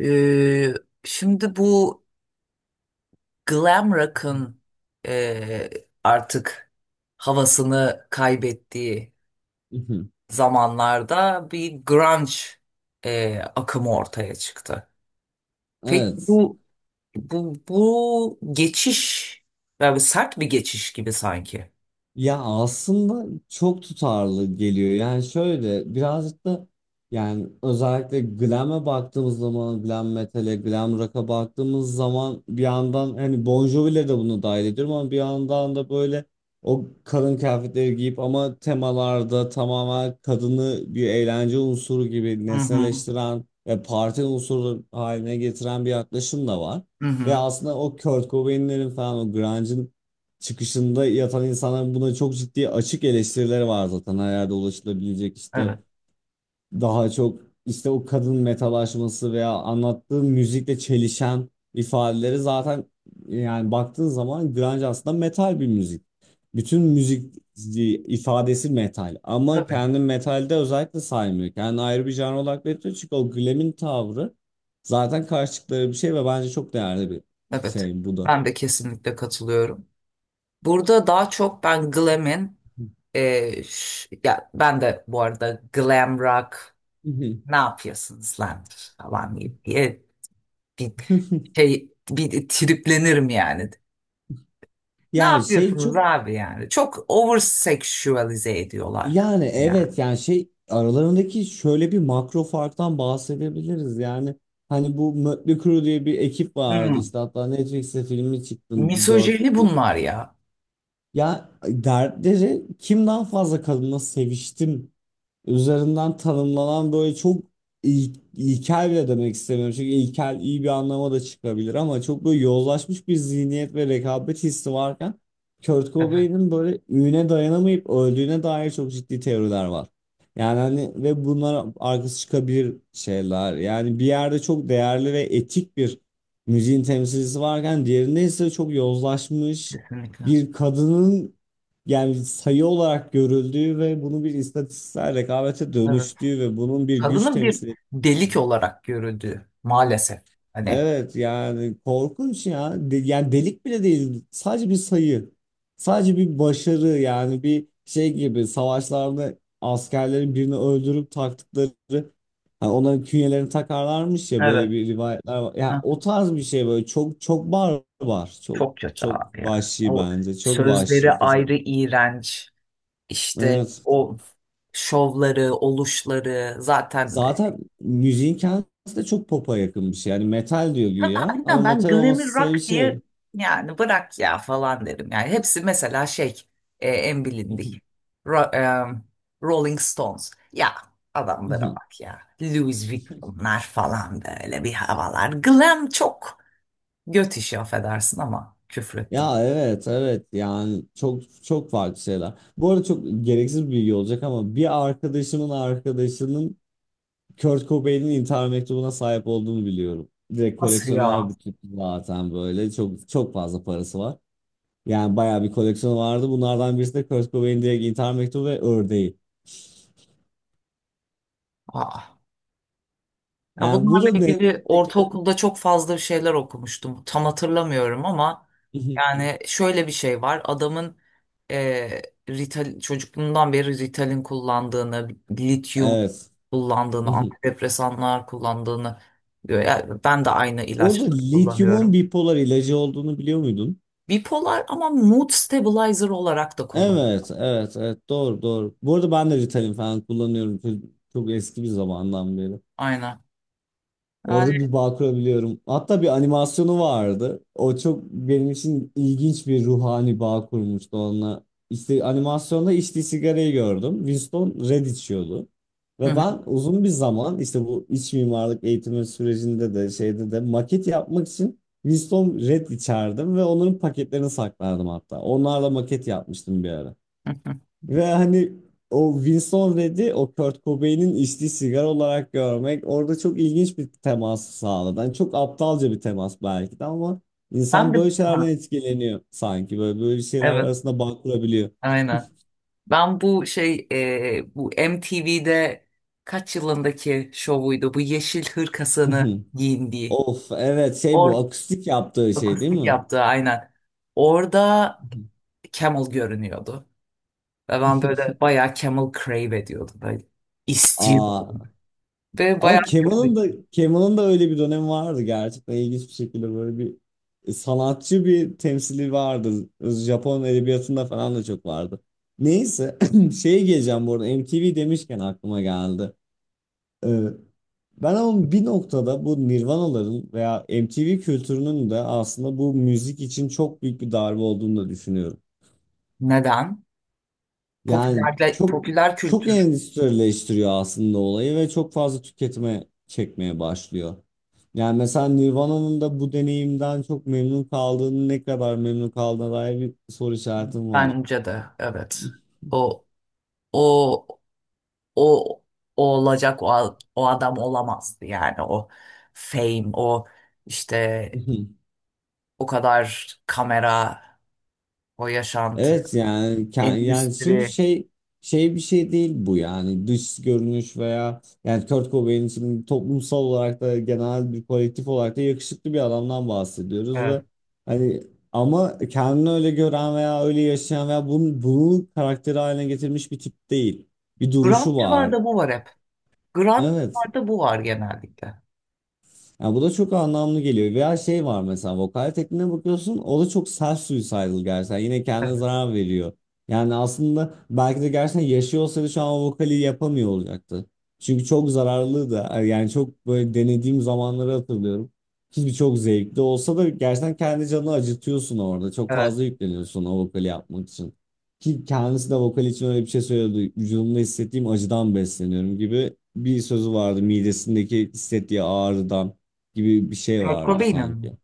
Ee, Şimdi bu glam rock'ın e, artık havasını kaybettiği Mhm. zamanlarda bir grunge akımı ortaya çıktı. Peki Evet. bu geçiş yani sert bir geçiş gibi sanki. Ya aslında çok tutarlı geliyor. Yani şöyle birazcık da özellikle glam'e baktığımız zaman glam metal'e, glam rock'a baktığımız zaman bir yandan hani Bon Jovi'le de bunu dahil ediyorum ama bir yandan da böyle o kadın kıyafetleri giyip ama temalarda tamamen kadını bir eğlence unsuru gibi Hı hı. nesneleştiren ve parti unsuru haline getiren bir yaklaşım da var. Hı Ve hı. aslında o Kurt Cobain'lerin falan o grunge'ın çıkışında yatan insanların buna çok ciddi açık eleştirileri var zaten. Her yerde ulaşılabilecek işte Evet. daha çok işte o kadın metalaşması veya anlattığı müzikle çelişen ifadeleri zaten, yani baktığın zaman grunge aslında metal bir müzik. Bütün müzik ifadesi metal ama Tabii. kendi metalde özellikle saymıyor. Kendi ayrı bir janr olarak belirtiyor çünkü o glam'in tavrı zaten karşı çıktıkları bir şey ve bence çok değerli bir Evet. şey bu da. Ben de kesinlikle katılıyorum. Burada daha çok ben glam'in ya ben de bu arada glam rock ne yapıyorsunuz lan falan diye bir şey bir triplenirim yani. Ne Yani şey yapıyorsunuz çok. abi yani? Çok over sexualize ediyorlar Yani kadını yani. evet yani şey, aralarındaki şöyle bir makro farktan bahsedebiliriz, yani hani bu Mötley Crüe diye bir ekip vardı, Hmm, işte hatta Netflix'te filmi çıktı dört, Misojeni bunlar ya. ya dertleri kim daha fazla kadınla seviştim üzerinden tanımlanan böyle çok ilkel bile demek istemiyorum. Çünkü ilkel iyi bir anlama da çıkabilir ama çok böyle yozlaşmış bir zihniyet ve rekabet hissi varken Kurt Evet, Cobain'in böyle üne dayanamayıp öldüğüne dair çok ciddi teoriler var. Yani hani ve bunlar arkası çıkabilir şeyler. Yani bir yerde çok değerli ve etik bir müziğin temsilcisi varken diğerinde ise çok yozlaşmış kesinlikle. bir kadının, yani sayı olarak görüldüğü ve bunun bir istatistiksel rekabete Evet. dönüştüğü ve bunun bir güç Kadının bir temsili. delik olarak görüldüğü maalesef. Hani. Evet yani korkunç ya. De- yani delik bile değil. Sadece bir sayı. Sadece bir başarı, yani bir şey gibi, savaşlarda askerlerin birini öldürüp taktıkları, hani onların künyelerini takarlarmış ya, böyle Evet. bir rivayetler var. Yani Ha, o tarz bir şey, böyle çok çok barbar. Çok çok kötü çok abi ya. vahşi O bence. Çok sözleri vahşi kesin. ayrı iğrenç. İşte Evet. o şovları, oluşları zaten Zaten müziğin kendisi de çok pop'a yakın bir şey. Yani metal diyor güya ama aynen ben metal olması glamir sebebi rock şey. diye yani bırak ya falan derim. Yani hepsi mesela şey en bilindik Ro- em, Rolling Stones. Ya adamlara bak ya. Louis Vuitton'lar falan böyle bir havalar. Glam çok göt işi affedersin ama küfrettim. Ya evet evet, yani çok çok farklı şeyler. Bu arada çok gereksiz bir bilgi olacak ama bir arkadaşımın arkadaşının Kurt Cobain'in intihar mektubuna sahip olduğunu biliyorum. Direkt Nasıl koleksiyoner ya? bir tip, zaten böyle çok çok fazla parası var. Yani bayağı bir koleksiyonu vardı. Bunlardan birisi de Kurt Cobain'in direkt intihar mektubu ve ördeği. Aa. Ya Yani bu bunlarla da ne? ilgili ortaokulda çok fazla bir şeyler okumuştum. Tam hatırlamıyorum ama yani şöyle bir şey var. Adamın e, çocukluğundan beri Ritalin kullandığını, lityum Evet. kullandığını, Hı hı. antidepresanlar kullandığını diyor. Yani ben de aynı Bu arada ilaçları lityumun kullanıyorum. bipolar ilacı olduğunu biliyor muydun? Bipolar ama mood stabilizer olarak da kullan. Evet, evet, evet. Doğru, doğru. Bu arada ben de Ritalin falan kullanıyorum. Çok, çok eski bir zamandan beri. Aynen. Orada Yani bir bağ kurabiliyorum. Hatta bir animasyonu vardı. O çok benim için ilginç bir ruhani bağ kurmuştu onunla. İşte animasyonda içtiği sigarayı gördüm. Winston Red içiyordu. hı Ve hı, ben uzun bir zaman işte bu iç mimarlık eğitimi sürecinde de şeyde de maket yapmak için Winston Red içerdim ve onların paketlerini saklardım hatta. Onlarla maket yapmıştım bir ara. hı hı. Ve hani o Winston Redd'i o Kurt Cobain'in içtiği sigara olarak görmek orada çok ilginç bir temas sağladı. Yani çok aptalca bir temas belki de ama Ben insan de böyle şeylerden ha, etkileniyor sanki. Böyle şeyler evet, arasında bağ kurabiliyor. aynen. Ben bu şey bu MTV'de kaç yılındaki şovuydu bu yeşil hırkasını giyindiği. Of evet şey, bu Or akustik yaptığı şey değil Akustik mi? yaptığı aynen. Orada Camel görünüyordu. Ve ben böyle bayağı Camel crave ediyordum. Böyle istiyordum. Aa. Ve bayağı Ama Kemal'ın da Kemal'ın da öyle bir dönemi vardı, gerçekten ilginç bir şekilde böyle bir sanatçı bir temsili vardı. Japon edebiyatında falan da çok vardı. Neyse şeye geleceğim, bu arada MTV demişken aklıma geldi. Ee, Ben ama bir noktada bu Nirvanaların veya MTV kültürünün de aslında bu müzik için çok büyük bir darbe olduğunu da düşünüyorum. neden? Yani Popüler, çok popüler çok kültür endüstrileştiriyor aslında olayı ve çok fazla tüketime çekmeye başlıyor. Yani mesela Nirvana'nın da bu deneyimden çok memnun kaldığını, ne kadar memnun kaldığına dair bir soru işaretim var. bence de evet. O o o, o olacak o, o adam olamazdı yani o fame o işte o kadar kamera o yaşantı Evet yani ke- yani şimdi endüstri şey, şey bir şey değil bu, yani dış görünüş veya, yani Kurt Cobain, şimdi toplumsal olarak da genel bir kolektif olarak da yakışıklı bir adamdan bahsediyoruz evet. ve hani, ama kendini öyle gören veya öyle yaşayan veya bunu karakteri haline getirmiş bir tip değil. Bir duruşu Grunge'larda var. bu var hep. Evet. Grunge'larda bu var genellikle. Ya bu da çok anlamlı geliyor. Veya şey var mesela, vokal tekniğine bakıyorsun o da çok self suicidal gerçekten. Yine kendine Evet. zarar veriyor. Yani aslında belki de gerçekten yaşıyor olsaydı şu an o vokali yapamıyor olacaktı. Çünkü çok zararlı da, yani çok böyle denediğim zamanları hatırlıyorum. Hiçbir, çok zevkli olsa da gerçekten kendi canını acıtıyorsun orada. Çok Evet. fazla yükleniyorsun o vokali yapmak için. Ki kendisi de vokal için öyle bir şey söylüyordu. Vücudumda hissettiğim acıdan besleniyorum gibi bir sözü vardı, midesindeki hissettiği ağrıdan gibi bir şey Kurt vardı Cobain'in mi? sanki.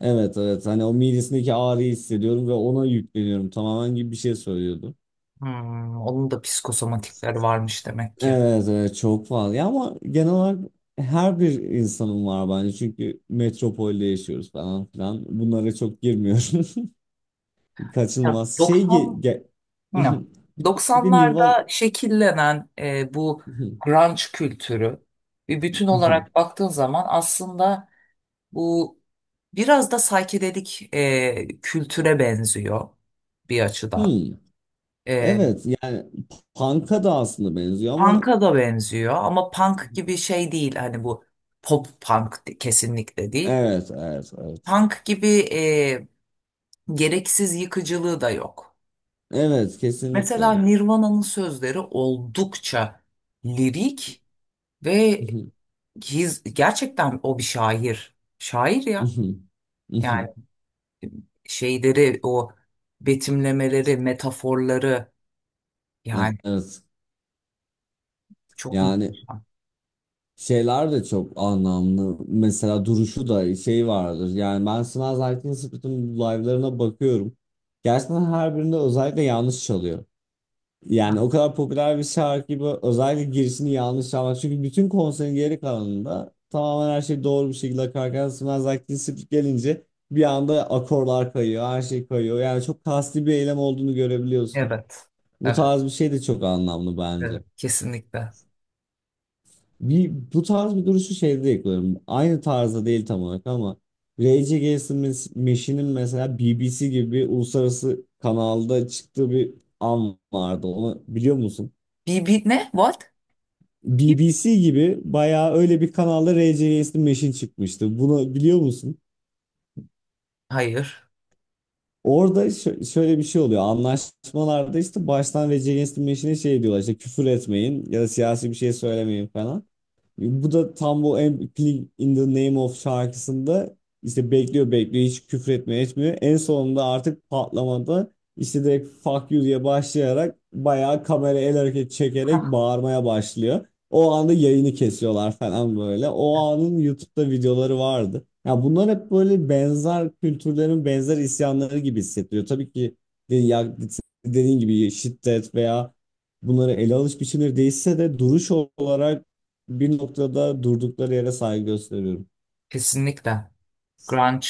Evet evet hani, o midesindeki ağrıyı hissediyorum ve ona yükleniyorum tamamen gibi bir şey söylüyordu. Onun da psikosomatikleri varmış demek ki. Evet evet çok fazla ya, ama genel olarak her bir insanın var bence, çünkü metropolde yaşıyoruz falan filan, bunlara çok girmiyorum. Ya, Kaçınılmaz şey 90. Hı. bir de Nirvan 90'larda şekillenen bu grunge kültürü bir bütün olarak baktığın zaman aslında bu biraz da psychedelic kültüre benziyor bir açıdan. Hmm. E, Evet yani punk'a da aslında benziyor ama Punk'a da benziyor ama punk gibi şey değil. Hani bu pop punk kesinlikle değil. evet evet evet, Punk gibi e, gereksiz yıkıcılığı da yok. evet kesinlikle. Mesela Nirvana'nın sözleri oldukça lirik ve gerçekten o bir şair. Şair ya. Mhm, Yani mhm. şeyleri o betimlemeleri, metaforları yani Evet. çok Yani muhteşem. şeyler de çok anlamlı. Mesela duruşu da şey vardır. Yani ben Smells Like Teen Spirit'in live'larına bakıyorum. Gerçekten her birinde özellikle yanlış çalıyor. Ha, Yani o kadar popüler bir şarkı gibi, özellikle girişini yanlış çalmak. Çünkü bütün konserin geri kalanında tamamen her şey doğru bir şekilde akarken Smells Like Teen Spirit gelince bir anda akorlar kayıyor, her şey kayıyor. Yani çok kasti bir eylem olduğunu görebiliyorsun. evet. Bu Evet. tarz bir şey de çok anlamlı bence. Evet. Kesinlikle. Bir, bu tarz bir duruşu şeyde yakaladım. Aynı tarzda değil tam olarak ama Rage Against the Machine'in mesela BBC gibi bir uluslararası kanalda çıktığı bir an vardı. Onu biliyor musun? Bir ne? What? Kim? BBC gibi bayağı öyle bir kanalda Rage Against the Machine çıkmıştı. Bunu biliyor musun? Hayır. Orada şöyle bir şey oluyor. Anlaşmalarda işte baştan Rage Against the Machine'e şey diyorlar, işte küfür etmeyin ya da siyasi bir şey söylemeyin falan. Bu da tam bu Everything in the Name of şarkısında işte bekliyor bekliyor, hiç küfür etmiyor etmiyor. En sonunda artık patlamada işte direkt fuck you diye başlayarak bayağı kamera el hareketi çekerek Hah, bağırmaya başlıyor. O anda yayını kesiyorlar falan böyle. O anın YouTube'da videoları vardı. Ya bunlar hep böyle benzer kültürlerin benzer isyanları gibi hissettiriyor. Tabii ki de- ya- dediğin gibi şiddet veya bunları ele alış biçimleri değişse de duruş olarak bir noktada durdukları yere saygı gösteriyorum. kesinlikle. Grunge.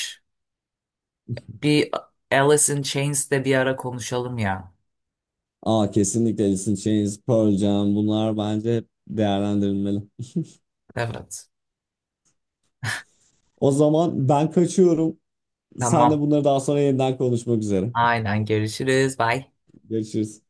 Bir Alice in Chains'te bir ara konuşalım ya. Aa kesinlikle, Alice in Chains, Pearl Jam bunlar bence hep değerlendirilmeli. Evet. O zaman ben kaçıyorum. Sen de Tamam. bunları daha sonra yeniden konuşmak üzere. Aynen. Görüşürüz. Bye. Görüşürüz.